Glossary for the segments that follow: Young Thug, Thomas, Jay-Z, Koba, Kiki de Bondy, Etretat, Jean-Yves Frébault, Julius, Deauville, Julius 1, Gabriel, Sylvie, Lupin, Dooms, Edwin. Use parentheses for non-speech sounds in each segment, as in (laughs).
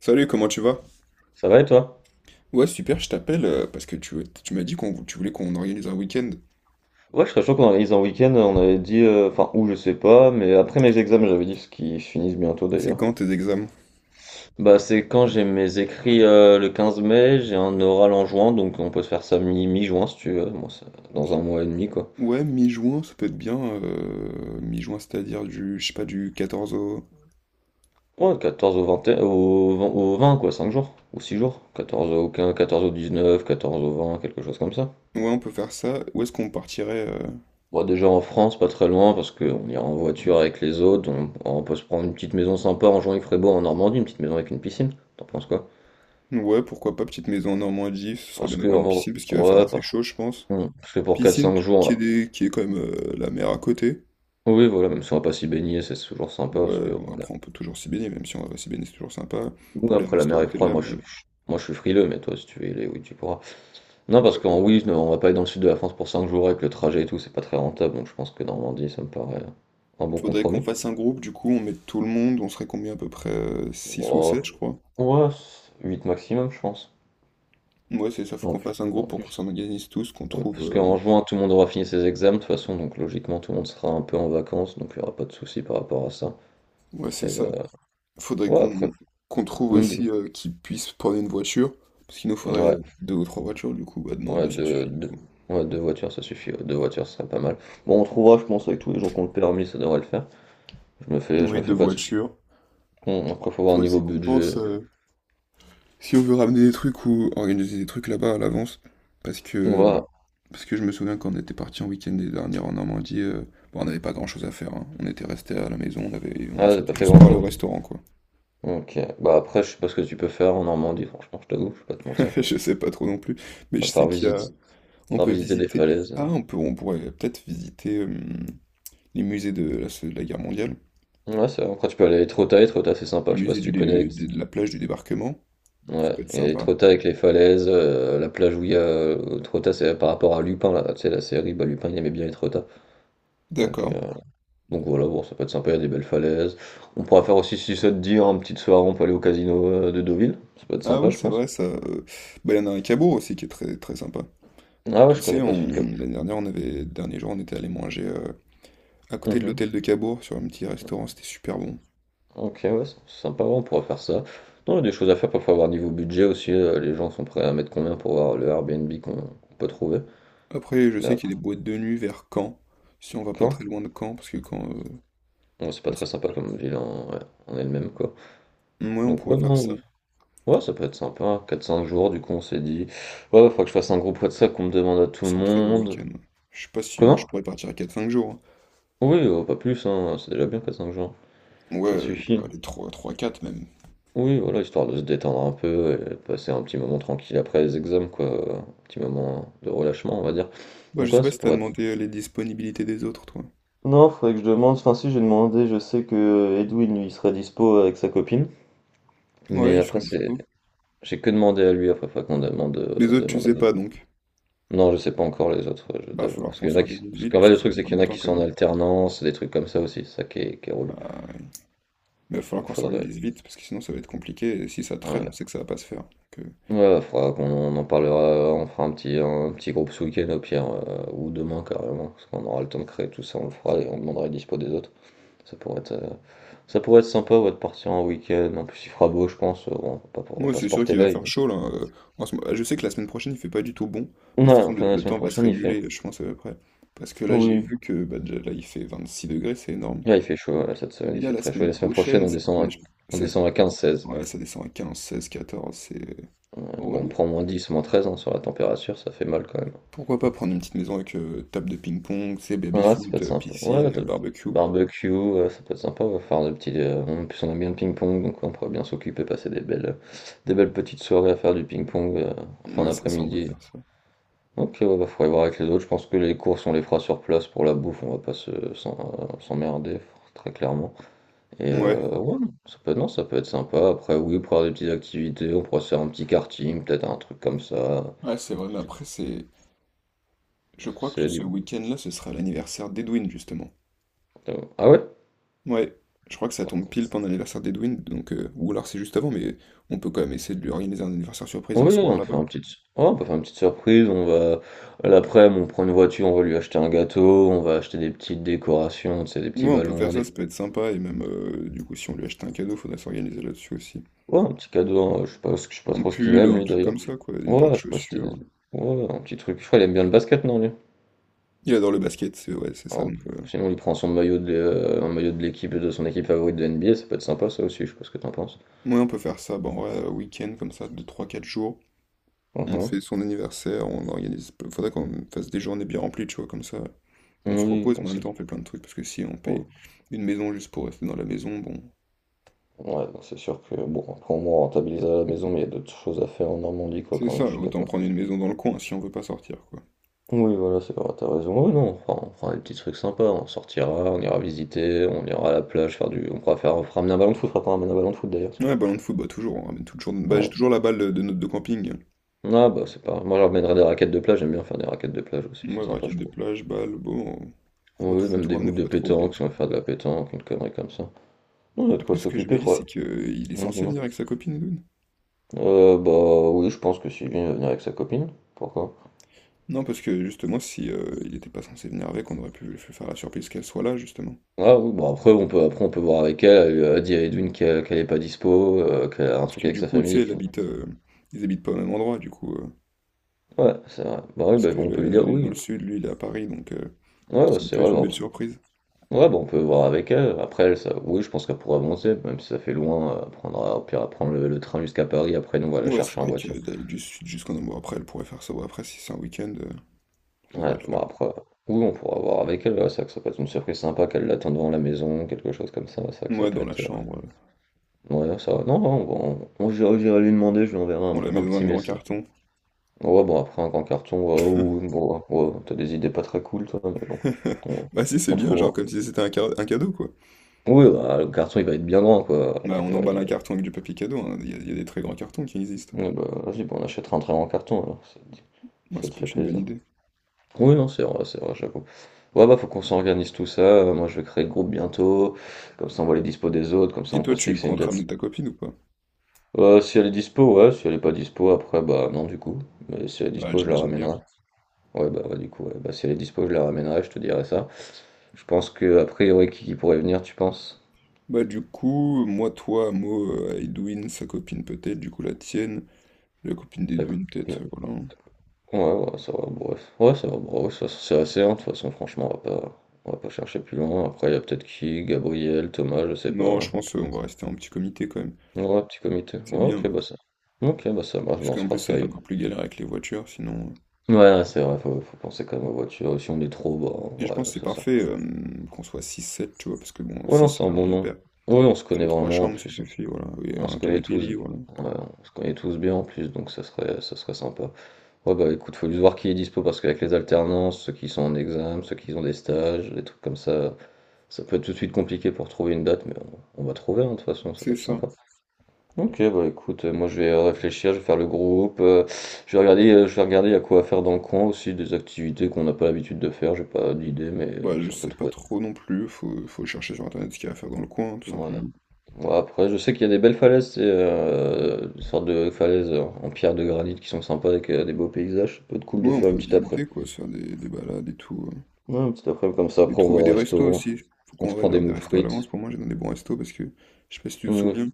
Salut, comment tu vas? Ça va et toi? Ouais, super, je t'appelle parce que tu m'as dit qu'on tu voulais qu'on organise un week-end. Ouais, je serais chaud qu'on organise un week-end, on avait dit, enfin, où je sais pas, mais après mes examens, j'avais dit, parce qu'ils finissent bientôt C'est d'ailleurs. quand tes examens? Bah, c'est quand j'ai mes écrits, le 15 mai, j'ai un oral en juin, donc on peut se faire ça mi-juin si tu veux, moi, dans un mois et demi quoi. Ouais, mi-juin, ça peut être bien. Mi-juin, c'est-à-dire du, je sais pas, du 14 au... Ouais, 14 au 20, au 20, au 20, quoi, 5 jours, ou 6 jours. 14 au 15, 14 au 19, 14 au 20, quelque chose comme ça. Ouais, on peut faire ça. Où est-ce qu'on partirait? Bon, déjà en France, pas très loin, parce qu'on ira en voiture avec les autres, on peut se prendre une petite maison sympa en Jean-Yves Frébault en Normandie, une petite maison avec une piscine. T'en penses quoi? Ouais, pourquoi pas, petite maison en Normandie, ce serait Parce bien que, d'avoir une en- piscine parce qu'il va faire ouais, assez chaud, je pense. Parce que pour quatre Piscine cinq qui est, jours, qui est quand même la mer à côté. Oui, voilà, même si on va pas s'y baigner, c'est toujours sympa, parce que, Ouais, bon, après on peut toujours s'y baigner, même si on va s'y baigner, c'est toujours sympa. ou Pour les après la mer restos, est peut-être froide, la mer. Moi je suis frileux, mais toi, si tu veux y aller, oui, tu pourras. Non, parce qu'en oui, non, on va pas aller dans le sud de la France pour 5 jours avec le trajet et tout, c'est pas très rentable, donc je pense que Normandie, ça me paraît un bon Faudrait qu'on compromis. fasse un groupe, du coup, on met tout le monde, on serait combien à peu près 6 ou 7 Oh, je crois. ouais, 8 maximum, je pense. Ouais, c'est ça, faut En qu'on plus. fasse un En groupe pour qu'on plus. s'organise tous, qu'on Ouais, trouve... parce qu'en juin, tout le monde aura fini ses examens, de toute façon, donc logiquement, tout le monde sera un peu en vacances, donc il n'y aura pas de souci par rapport à ça. Ouais, c'est Et, ça. Faudrait ouais, qu'on après, qu'on trouve on dit. aussi qui puisse prendre une voiture, parce qu'il nous faudrait Ouais, deux ou trois voitures, du coup, bah non, ouais, deux, ça suffit, du coup. ouais, deux voitures, ça suffit. Ouais, Deux voitures, ce serait pas mal. Bon, on trouvera, je pense, avec tous les gens qui ont le permis, ça devrait le faire. Je Ouais, me deux fais pas de soucis. voitures. Après, faut voir Faut niveau aussi qu'on pense... budget. Si on veut ramener des trucs ou organiser des trucs là-bas à l'avance, parce On va. que parce que je me souviens quand on était parti en week-end dernier en Normandie, bon, on n'avait pas grand-chose à faire, hein. On était resté à la maison, on Ah, t'as sortait pas fait juste par le grand-chose. restaurant quoi. Ok. Bah après, je sais pas ce que tu peux faire en Normandie, franchement, je t'avoue, je vais pas te mentir. (laughs) Je sais pas trop non plus, mais je À sais part qu'il y a visite, à on part peut visiter des visiter. falaises. Ah, euh. On pourrait peut-être visiter les musées de la guerre mondiale, Ouais, c'est vrai. Après, tu peux aller à Etretat, Etretat, c'est sympa. les Je sais pas musées si du tu connais. De la plage du débarquement. Ça Ouais, peut être il y a sympa. Etretat avec les falaises, la plage où il y a Etretat, c'est par rapport à Lupin, là. Tu sais, la série, bah Lupin, il aimait bien Etretat. Donc, D'accord. euh, Donc voilà, bon, ça peut être sympa, il y a des belles falaises. On pourra faire aussi, si ça te dit, hein, petite soirée, on peut aller au casino de Deauville. Ça peut être Ah sympa, oui, je c'est pense. vrai ça. Bah, il y en a un à Cabourg aussi qui est très très sympa. Ah ouais, Tu je sais, connais pas sud cap. l'année dernière, on avait, dernier jour, on était allé manger à côté de Mhm. l'hôtel de Cabourg sur un petit restaurant, c'était super bon. Ok, ouais, c'est sympa, ouais, on pourra faire ça. Non, il y a des choses à faire, parfois, voir niveau budget aussi. Les gens sont prêts à mettre combien pour voir le Airbnb qu'on peut trouver. Après, je Mais sais qu'il après, y a des boîtes de nuit vers Caen, si on va pas très quand? loin de Caen, parce que Caen, Ouais, c'est pas bah, très sympa comme ville en, ouais, en elle-même, quoi. ouais, on Donc pourrait ouais, faire non, ça. oui. Ouais, ça peut être sympa. 4-5 jours, du coup, on s'est dit. Ouais, il faudra que je fasse un groupe WhatsApp qu'on me demande à tout le C'est un très gros monde. week-end. Je sais pas si moi je Comment? pourrais partir à 4-5 jours, Oui, pas plus, hein, c'est déjà bien, 4-5 jours. hein. Ouais, Ça suffit, hein. allez, 3 3-4 même. Oui, voilà, histoire de se détendre un peu et de passer un petit moment tranquille après les examens, quoi, un petit moment de relâchement, on va dire. Bah, je Donc sais ouais, pas ça si t'as pourrait être demandé les disponibilités des autres, toi. non, faudrait que je demande, enfin si, j'ai demandé, je sais que Edwin, lui, il serait dispo avec sa copine, mais Ouais, ils sont après c'est dispo. j'ai que demandé à lui, après faudrait qu'on demande, Les autres, tu demande sais aux autres. pas donc. Non, je sais pas encore les autres, ouais, je Bah, t'avoue, falloir parce qu'on qu'il y en a qui s'organise parce vite, qu'en fait, parce que le c'est truc, dans c'est pas qu'il y en a longtemps qui quand sont en même. alternance, des trucs comme ça aussi, c'est ça qui est relou. Ah, ouais. Mais il va falloir Donc qu'on faudrait s'organise vite parce que sinon ça va être compliqué et si ça traîne, ouais. on sait que ça va pas se faire. Donc, Ouais, bah, faudra qu'on on en parlera, on fera un petit groupe ce week-end au pire, ou demain carrément, parce qu'on aura le temps de créer tout ça, on le fera et on demandera les dispo des autres. Ça pourrait être, euh, Ça pourrait être sympa ouais, de partir en week-end, en plus il fera beau je pense, bon, on va moi, pas se c'est sûr porter qu'il va l'œil. faire chaud là. Je sais que la semaine prochaine il fait pas du tout bon, mais de toute Ouais, façon enfin la le semaine temps va se prochaine il fait... réguler, je pense à peu près. Parce que là, j'ai Oui. vu que bah, déjà, là il fait 26 degrés, c'est énorme. Là il fait chaud, là, cette semaine Et il là, fait la très chaud, et semaine la semaine prochaine prochaine, on ça... descend à 15-16. ouais, ça descend à 15 16 14 c'est Euh, Bon, on relou. prend -10, -13 hein, sur la température, ça fait mal quand même. Pourquoi pas prendre une petite maison avec table de ping-pong, c'est Ouais, ça peut baby-foot, être sympa. Ouais, piscine, barbecue. barbecue, ça peut être sympa, ouais, faire des petits. En plus, on aime bien le ping-pong, donc on pourrait bien s'occuper, passer des belles petites soirées à faire du ping-pong, en fin, oui, Ouais, c'est ça, on peut d'après-midi. faire ça. Ok, ouais, bah, faudrait voir avec les autres. Je pense que les courses, on les fera sur place pour la bouffe, on va pas s'emmerder, très clairement. Et Ouais. Ouais, ça peut, non, ça peut être sympa. Après, oui, pour avoir des petites activités, on pourrait se faire un petit karting, peut-être un truc comme ça. Ouais, c'est vrai, mais après, c'est. Je crois que C'est ce du. week-end-là, ce sera l'anniversaire d'Edwin, justement. Ah ouais? Ouais, je crois que ça tombe pile pendant l'anniversaire d'Edwin, donc ou alors c'est juste avant, mais on peut quand même essayer de lui organiser un anniversaire surprise un Oui, soir on peut là-bas. faire une petite, ouais, on peut faire une petite surprise. L'après-midi, on prend une voiture, on va lui acheter un gâteau, on va acheter des petites décorations, tu sais, des petits Ouais, on peut faire ballons, ça, des, ça peut être sympa, et même du coup, si on lui achète un cadeau, faudra s'organiser là-dessus aussi. ouais, un petit cadeau. Hein, je sais pas, je sais pas Un trop ce qu'il pull, aime un lui truc d'ailleurs. comme ça, quoi, une paire Ouais, de je sais pas si c'était des... chaussures. Ouais, un petit truc. Je crois qu'il aime bien le basket, non lui? Il adore le basket, c'est ouais, c'est ça, Alors, donc sinon, il prend son maillot de, l'é- un maillot de l'équipe de son équipe favorite de NBA. Ça peut être sympa, ça aussi. Je sais pas ce que t'en penses. ouais, on peut faire ça, bon, ouais, week-end comme ça, de trois quatre jours. On Mhm. fait son anniversaire, on organise. Faudrait qu'on fasse des journées bien remplies, tu vois, comme ça. On se Oui, repose, qu'on mais en même se- temps on fait plein de trucs, parce que si on paye oh, une maison juste pour rester dans la maison, bon, Ouais, non, c'est sûr que bon, après au moins on rentabilise à la maison, mais il y a d'autres choses à faire en Normandie, quoi, c'est quand même. ça, Je suis autant d'accord. prendre une maison dans le coin si on veut pas sortir, quoi. Oui, voilà, c'est vrai, t'as raison. Oui, non, on fera des petits trucs sympas, on sortira, on ira visiter, on ira à la plage, faire du. On pourra faire, on fera ramener un ballon de foot, on fera pas ramener un ballon de foot d'ailleurs, tiens. Ouais, ballon de foot, bah toujours, on ramène toujours, bah, j'ai Ouais. toujours la balle de notre de camping. Ah bah c'est pas. Moi je ramènerai des raquettes de plage, j'aime bien faire des raquettes de plage aussi, Ouais, c'est sympa raquette je de trouve. plage, balle, bon, faut, Oui, faut même tout des ramener, boules faut de pas trop oublier le pétanque, si on veut truc. faire de la pétanque, une connerie comme ça. Non, on a de Après, quoi ce que je me s'occuper, dis, faut. c'est que il est Non, censé dis-moi. venir avec sa copine, Edoun. Bah oui, je pense que Sylvie va venir avec sa copine. Pourquoi? Non, parce que justement, si il était pas censé venir avec, on aurait pu lui faire la surprise qu'elle soit là, justement. Ah oui, bon après on peut voir avec elle, dit à Edwin qu'elle est pas dispo, qu'elle a un Parce truc que avec du sa coup, tu sais, famille. Ils habitent pas au même endroit, du coup, Ouais, c'est vrai. Bah oui, parce bah, qu'elle, on peut lui elle dire est dans oui. le sud, lui, il est à Paris, donc. Ouais, ouais, Ça aurait c'est pu vrai. être une Bah, belle surprise. ouais, bah, on peut voir avec elle. Après, elle, ça, oui, je pense qu'elle pourra avancer, même si ça fait loin. Elle prendra, au pire, elle prend le train jusqu'à Paris. Après, nous, on va la Ouais, c'est chercher en vrai que voiture. d'aller du sud jusqu'en Ambour, après, elle pourrait faire ça. Bon, après, si c'est un week-end, ça Ouais, devrait le bon, faire. après, oui, on pourra voir avec elle. Ouais, c'est vrai que ça peut être une surprise sympa qu'elle l'attende devant la maison, quelque chose comme ça. C'est vrai que ça Ouais, peut dans la être. Chambre. Ouais, ça va. Non, non, bon, j'irai lui demander, je lui enverrai On la met un dans petit un grand message. carton. Ouais, bon, après, un grand carton, ouais, ouais, ouais, ouais, t'as des idées pas très cool, toi, mais bon, on, (laughs) Bah si, c'est on bien, trouvera. genre comme si c'était un cadeau, quoi. Oui, bah, le carton il va être bien grand quoi. Bah on Il va- emballe un il carton avec du papier cadeau, hein. Il y a des très grands cartons qui existent, Ouais, hein. bah, vas-y, bah, on achètera un très grand carton alors, Ouais, ça ça te peut fait être une bonne plaisir. idée. Oui, non, c'est vrai, j'avoue. Ouais, bah, faut qu'on s'organise tout ça. Moi, je vais créer le groupe bientôt. Comme ça, on voit les dispos des autres. Comme ça, Et on toi, peut se tu fixer une comptes date. ramener ta copine ou pas? Si elle est dispo, ouais. Si elle est pas dispo, après, bah, non, du coup. Mais si elle est Bah dispo, je la j'imagine bien, ramènerai. ouais. Ouais, bah, ouais, du coup, ouais. Bah, si elle est dispo, je la ramènerai, je te dirai ça. Je pense que, a priori, qui pourrait venir, tu penses? Bah du coup, moi, toi, Mo, Edwin, sa copine peut-être, du coup la tienne, la copine D'accord. d'Edwin peut-être, voilà. Ouais, ouais, ça va, bref. Ouais, ça va, bref, ça, c'est assez, hein, de toute façon, franchement, on va pas chercher plus loin. Après, il y a peut-être qui, Gabriel, Thomas, je sais Non, je pas. pense qu'on va rester en petit comité quand même. Ouais, petit comité. C'est Ouais, bien, ok, ouais. bah ça. Ok, bah ça marche, bah on se Puisqu'en plus, fera ça va ça. être Hier. encore plus galère avec les voitures, sinon. Ouais, ouais, c'est vrai, faut penser quand même aux voitures. Et si on est trop, Et je bah, pense que ouais, c'est ça sert. parfait qu'on soit six sept tu vois, parce que bon, Ouais, 6 non, ça c'est un fait un bon nom de nom. père. Ouais, on se Ça connaît fait 3 vraiment, en chambres, ça plus. Suffit, voilà. Et On se un connaît canapé tous. Ouais, lit, voilà. on se connaît tous bien, en plus, donc ça serait sympa. Ouais, bah écoute, faut juste voir qui est dispo, parce qu'avec les alternances, ceux qui sont en examen, ceux qui ont des stages, des trucs comme ça. Ça peut être tout de suite compliqué pour trouver une date, mais on va trouver, hein, de toute façon, ça C'est peut être ça. sympa. Ok, bah écoute, moi je vais réfléchir, je vais faire le groupe, je vais regarder il y a quoi à faire dans le coin aussi, des activités qu'on n'a pas l'habitude de faire, j'ai pas d'idée, mais Bah, je si on peut sais pas trouver. trop non plus, faut, faut chercher sur internet ce qu'il y a à faire dans le coin, tout Voilà. simplement. Bon, après, je sais qu'il y a des belles falaises, c'est des sortes de falaises en pierre de granit qui sont sympas avec des beaux paysages, ça peut être cool de Ouais, on faire une peut petite après. visiter, quoi, se faire des balades et tout. Ouais, une petite après comme ça, Et après on va trouver au des restos restaurant, aussi. Faut on qu'on se prend des réserve des moules restos à frites. l'avance. Pour moi, j'ai dans des bons restos parce que, je sais pas si tu te Mm. souviens,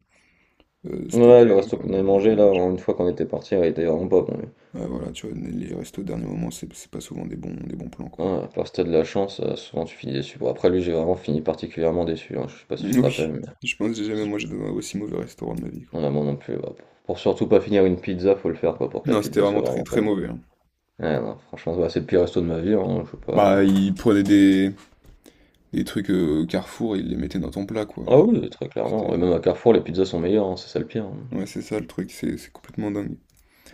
euh, cet Ouais, été, le euh, resto qu'on avait on devait mangé là, mangé. une fois qu'on était parti, il était vraiment pas bon, lui. Ouais, voilà, tu vois, les restos au dernier moment, c'est pas souvent des bons plans, quoi. Ouais, à part si t'as de la chance, souvent tu finis déçu. Bon après lui j'ai vraiment fini particulièrement déçu, hein, je sais pas si tu te rappelles Oui, mais je pense que j'ai jamais mangé dans un aussi mauvais restaurant de ma vie, quoi. non, moi non plus, bah, pour surtout pas finir une pizza, faut le faire quoi, pour que la Non, c'était pizza vraiment soit très vraiment très bonne. mauvais, hein. Ouais, non, franchement, bah, c'est le pire resto de ma vie, hein, je sais pas Bah, ils prenaient des trucs au Carrefour et ils les mettaient dans ton plat, quoi. ah Enfin, oui, oui, très clairement, c'était... et même à Carrefour les pizzas sont meilleures, hein, c'est ça le pire, hein. Ouais, c'est ça le truc, c'est complètement dingue.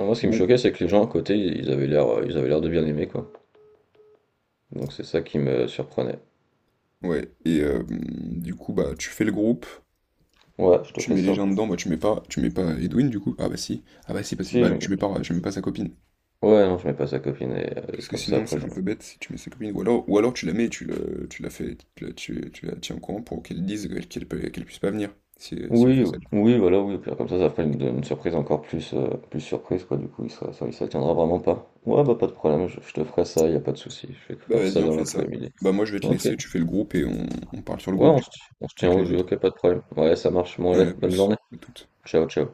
Non, moi ce qui me Bon, choquait c'est que les gens à côté ils avaient l'air de bien aimer quoi, donc c'est ça qui me surprenait. ouais, et du coup, bah, tu fais le groupe, Ouais, je te tu fais mets les ça. gens dedans, bah, tu mets pas Edwin, du coup. Ah bah si, Si bah, je tu mets pas sa copine. Ouais, non, je mets pas sa copine et Parce que comme ça sinon, après c'est je. un peu bête si tu mets sa copine. Ou alors tu la mets, tu la fais, tu la tiens au courant pour qu'elle dise qu'elle peut, qu'elle puisse pas venir, si on Oui, fait ça. oui, voilà, oui, au pire comme ça ferait une surprise encore plus, plus surprise, quoi, du coup, il sera, ça, il s'attiendra vraiment pas. Ouais, bah pas de problème, je te ferai ça, y a pas de souci, je vais te Bah faire vas-y, ça on dans fait ça. l'après-midi. Bah moi je vais te Ok, ouais, laisser, tu fais le groupe et on parle sur le groupe on du se, coup, on se tient avec au les jeu, autres. ok, pas de problème. Ouais, ça marche, bon, Ouais, allez, à bonne plus, journée, à toutes. ciao, ciao.